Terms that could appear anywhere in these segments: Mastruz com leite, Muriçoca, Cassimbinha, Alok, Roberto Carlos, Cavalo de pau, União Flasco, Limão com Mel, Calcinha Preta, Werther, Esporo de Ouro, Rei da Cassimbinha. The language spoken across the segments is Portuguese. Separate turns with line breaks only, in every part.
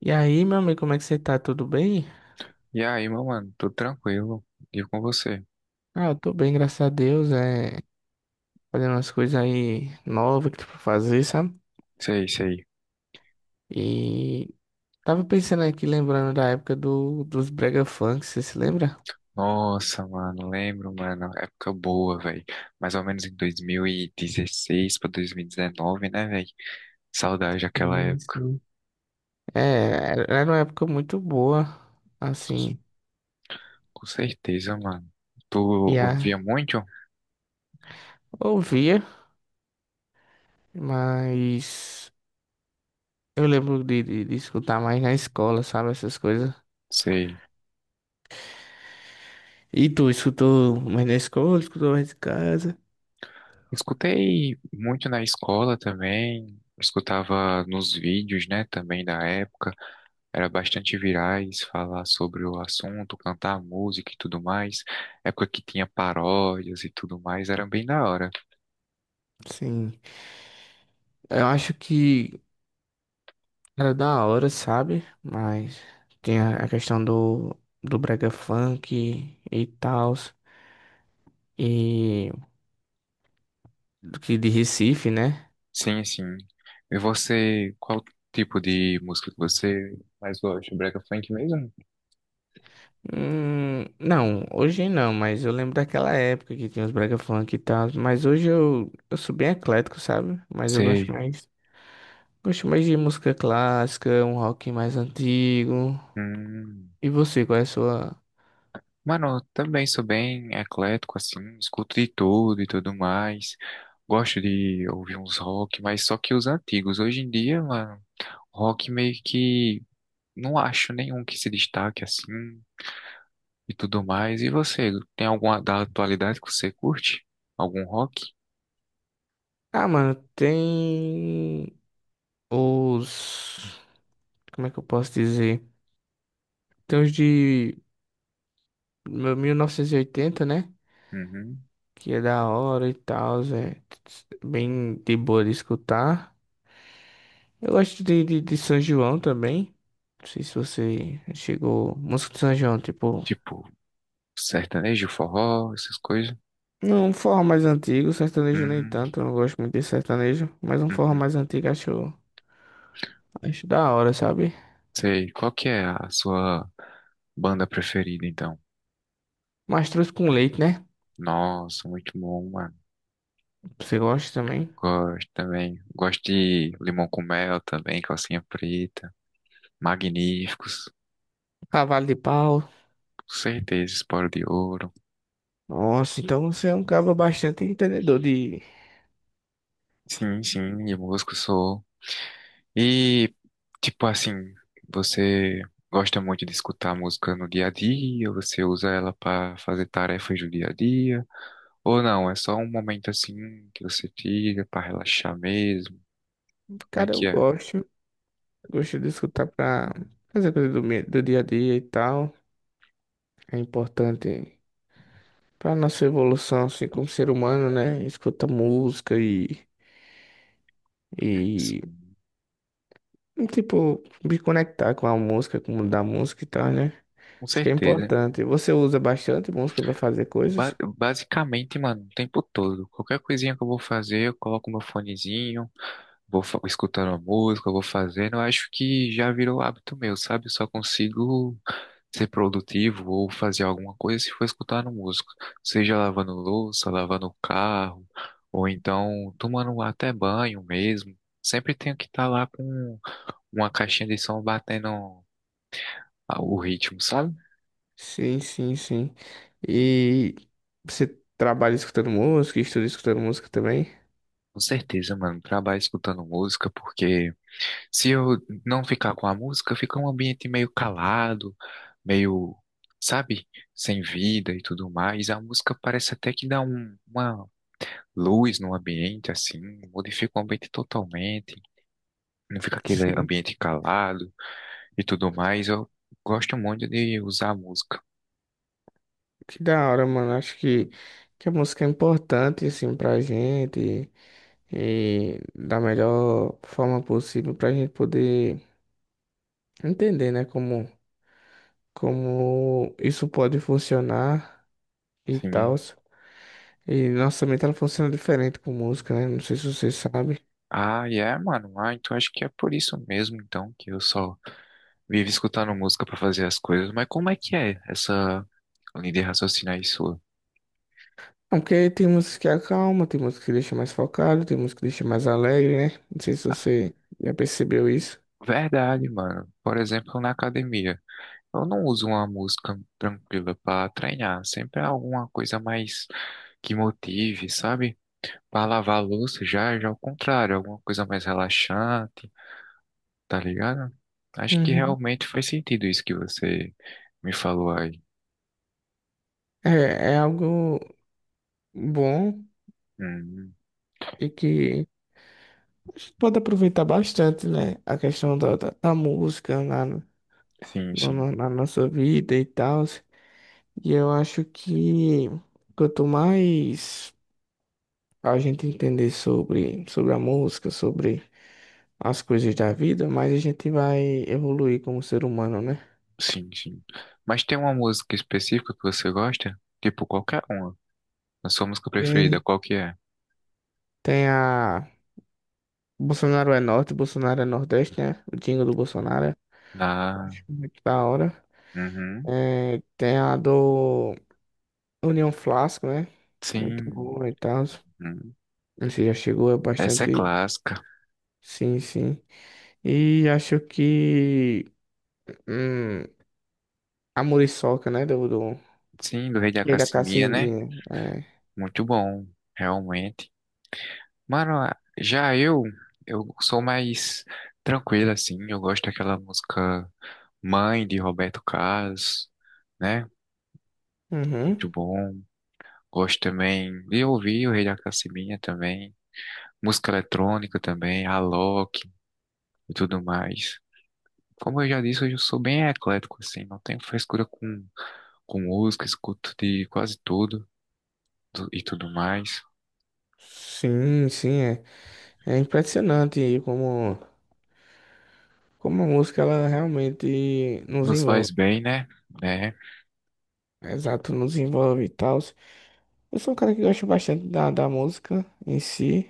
E aí, meu amigo, como é que você tá? Tudo bem?
E aí, meu mano, tudo tranquilo? E com você?
Eu tô bem, graças a Deus. Fazendo umas coisas aí novas que tem pra fazer, sabe?
Sei, sei.
E tava pensando aqui, lembrando dos Brega Funk, você se lembra?
Nossa, mano, lembro, mano, época boa, velho. Mais ou menos em 2016 pra 2019, né, velho? Saudade daquela
Sim,
época.
sim. É, era uma época muito boa,
Com,
assim,
com certeza, mano. Tu
e
ouvia
a
muito?
ouvia, mas eu lembro de escutar mais na escola, sabe, essas coisas.
Sei.
E tu escutou mais na escola, escutou mais de casa?
Escutei muito na escola também. Escutava nos vídeos, né, também da época. Era bastante virais, falar sobre o assunto, cantar música e tudo mais. Época que tinha paródias e tudo mais, era bem da hora.
Sim, eu acho que era da hora, sabe? Mas tem a questão do, do brega funk e tal, e do que de Recife, né?
Sim, sim. E você, qual tipo de música que você mais gosta? Brega funk mesmo?
Não, hoje não, mas eu lembro daquela época que tinha os brega funk e tal, mas hoje eu sou bem eclético, sabe? Mas
Sei.
gosto mais de música clássica, um rock mais antigo.
Hum.
E você, qual é a sua?
Mano, eu também sou bem eclético, assim, escuto de tudo e tudo mais. Gosto de ouvir uns rock, mas só que os antigos. Hoje em dia, mano, rock meio que não acho nenhum que se destaque assim. E tudo mais. E você, tem alguma da atualidade que você curte? Algum rock?
Ah, mano, os, como é que eu posso dizer? Tem os de Meu 1980, né?
Uhum.
Que é da hora e tal, é bem de boa de escutar. Eu gosto de São João também. Não sei se você chegou. Música de São João, tipo.
Tipo, sertanejo, forró, essas coisas?
Não, um forró mais antigo, sertanejo nem
Uhum.
tanto, eu não gosto muito de sertanejo, mas um forró
Uhum.
mais antigo acho, acho da hora, sabe?
Sei, qual que é a sua banda preferida, então?
Mastruz com leite, né?
Nossa, muito bom, mano.
Você gosta também?
Gosto também. Gosto de Limão com Mel também, Calcinha Preta. Magníficos.
Cavalo de pau.
Com certeza, Esporo de Ouro.
Nossa, então você é um cara bastante entendedor de.
Sim, sim, e músico sou. E, tipo assim, você gosta muito de escutar música no dia a dia? Você usa ela para fazer tarefas do dia a dia? Ou não, é só um momento assim que você tira para relaxar mesmo? Como é
Cara, eu
que é?
gosto. Gosto de escutar pra fazer coisa do dia a dia e tal. É importante pra nossa evolução, assim, como ser humano, né? Escuta música e,
Assim,
tipo, me conectar com a música, com o mundo da música e tal, né?
com
Acho que é
certeza.
importante. Você usa bastante música pra fazer coisas?
Basicamente, mano, o tempo todo. Qualquer coisinha que eu vou fazer, eu coloco meu fonezinho. Vou escutando a música, vou fazendo. Eu acho que já virou hábito meu, sabe? Eu só consigo ser produtivo ou fazer alguma coisa se for escutando música. Seja lavando louça, lavando o carro, ou então tomando até banho mesmo. Sempre tenho que estar lá com uma caixinha de som batendo o ritmo, sabe?
Sim, sim, sim. E você trabalha escutando música, estuda escutando música também?
Com certeza, mano. Trabalho escutando música porque. Se eu não ficar com a música, fica um ambiente meio calado, meio, sabe, sem vida e tudo mais. A música parece até que dá uma luz no ambiente, assim, modifica o ambiente totalmente. Não fica aquele
Sim.
ambiente calado e tudo mais. Eu gosto muito de usar a música.
Que da hora, mano. Que a música é importante, assim, pra gente. E da melhor forma possível para a gente poder entender, né, como isso pode funcionar e tal.
Sim.
E nossa mente ela funciona diferente com música, né? Não sei se você sabe.
Ah, e é, mano. Ah, então acho que é por isso mesmo, então, que eu só vivo escutando música pra fazer as coisas. Mas como é que é essa linha de raciocínio aí sua?
Não, porque tem músicas que acalma, tem músicas que deixa mais focado, tem músicas que deixa mais alegre, né? Não sei se você já percebeu isso.
Verdade, mano. Por exemplo, na academia, eu não uso uma música tranquila pra treinar. Sempre é alguma coisa mais que motive, sabe? Pra lavar a louça já, já ao contrário, alguma coisa mais relaxante, tá ligado? Acho que
Uhum.
realmente faz sentido isso que você me falou aí.
É, é algo bom
Hum,
e que a gente pode aproveitar bastante, né? A questão da música lá.
sim, sim,
Na nossa vida e tal. E eu acho que quanto mais a gente entender sobre a música, sobre as coisas da vida, mais a gente vai evoluir como ser humano, né?
sim, sim. Mas tem uma música específica que você gosta? Tipo, qualquer uma. A sua música preferida,
Tem,
qual que é?
tem a. Bolsonaro é norte, Bolsonaro é nordeste, né? O jingle do Bolsonaro.
Na.
Acho muito da hora.
Uhum.
É, tem a do União Flasco, né? Muito
Sim.
boa e tal.
Hum.
Você já chegou, é
Essa é
bastante.
clássica.
Sim, sim. E acho que. Hum, a Muriçoca, né?
Sim, do Rei da
E da
Cassimbinha, né?
Cassimbinha. É.
Muito bom, realmente. Mano, já eu sou mais tranquilo, assim. Eu gosto daquela música Mãe, de Roberto Carlos, né? Muito
Uhum.
bom. Gosto também de ouvir o Rei da Cassimbinha também. Música eletrônica também, Alok e tudo mais. Como eu já disse, hoje eu sou bem eclético, assim. Não tenho frescura com música, escuto de quase tudo e tudo mais.
Sim, sim, é. É impressionante como, como a música ela realmente nos
Nos faz
envolve.
bem, né? É.
Exato, nos envolve e tal. Eu sou um cara que gosta bastante da música em si.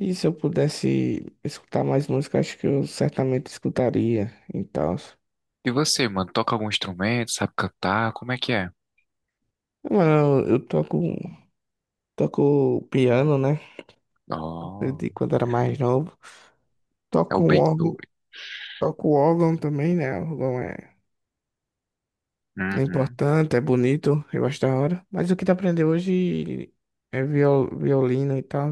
E se eu pudesse escutar mais música, acho que eu certamente escutaria e tal.
E você, mano, toca algum instrumento, sabe cantar? Como é que é?
Mano, toco piano, né?
Oh,
Aprendi quando era mais novo.
é o
Toco o
bem
órgão,
doido.
toco o órgão também, né? O órgão é
Uhum.
importante, é bonito, eu gosto da hora. Mas o que tu aprendeu hoje é violino e tal.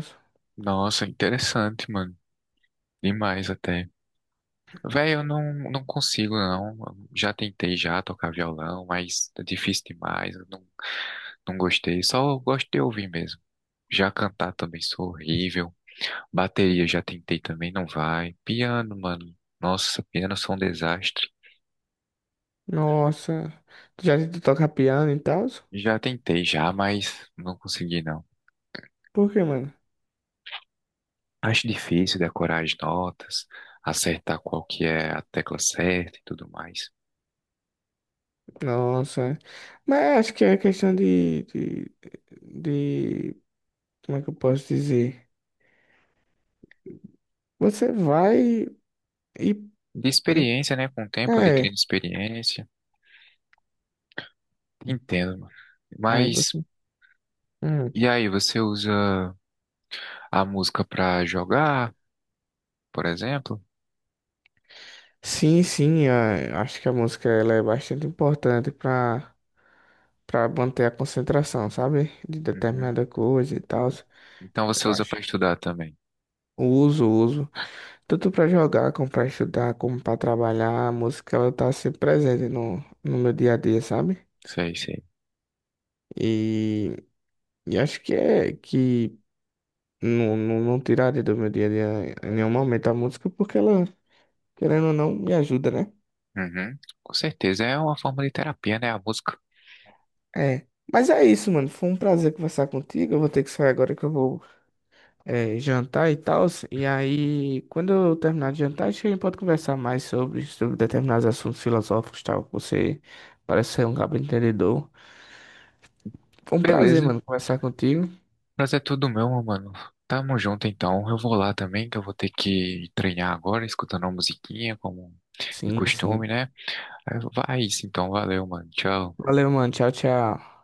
Nossa, interessante, mano. Demais até. Velho, eu não consigo, não. Já tentei já tocar violão, mas é difícil demais. Eu não gostei. Só eu gosto de ouvir mesmo. Já cantar também sou horrível. Bateria já tentei também, não vai. Piano, mano. Nossa, piano sou um desastre.
Nossa, tu toca piano e tal?
Já tentei já, mas não consegui não.
Por quê, mano?
Acho difícil decorar as notas, acertar qual que é a tecla certa e tudo mais.
Nossa, mas acho que é questão de como é que eu posso dizer? Você vai e,
De experiência, né? Com o tempo,
é,
adquirindo experiência. Entendo, mano.
aí
Mas,
você, hum.
e aí, você usa a música pra jogar, por exemplo?
Sim, sim, acho que a música ela é bastante importante para manter a concentração, sabe? De
Uhum.
determinada coisa e tal,
Então você
eu
usa
acho.
pra estudar também.
Uso, uso. Tanto para jogar, como para estudar, como para trabalhar, a música ela tá sempre presente no meu dia a dia, sabe?
Sei, sei.
E, e acho que não tiraria do meu dia a dia em nenhum momento a música, porque ela, querendo ou não, me ajuda, né?
Uhum. Com certeza, é uma forma de terapia, né? A música.
É. Mas é isso, mano. Foi um prazer conversar contigo. Eu vou ter que sair agora que eu vou jantar e tal. E aí, quando eu terminar de jantar, acho que a gente pode conversar mais sobre determinados assuntos filosóficos e tal. Você parece ser um cabo entendedor. Foi um prazer,
Beleza.
mano, conversar contigo.
Prazer é todo meu, meu mano. Tamo junto então. Eu vou lá também, que eu vou ter que treinar agora, escutando uma musiquinha, como de
Sim, sim.
costume, né? Vai isso então, valeu, mano. Tchau.
Valeu, mano. Tchau, tchau.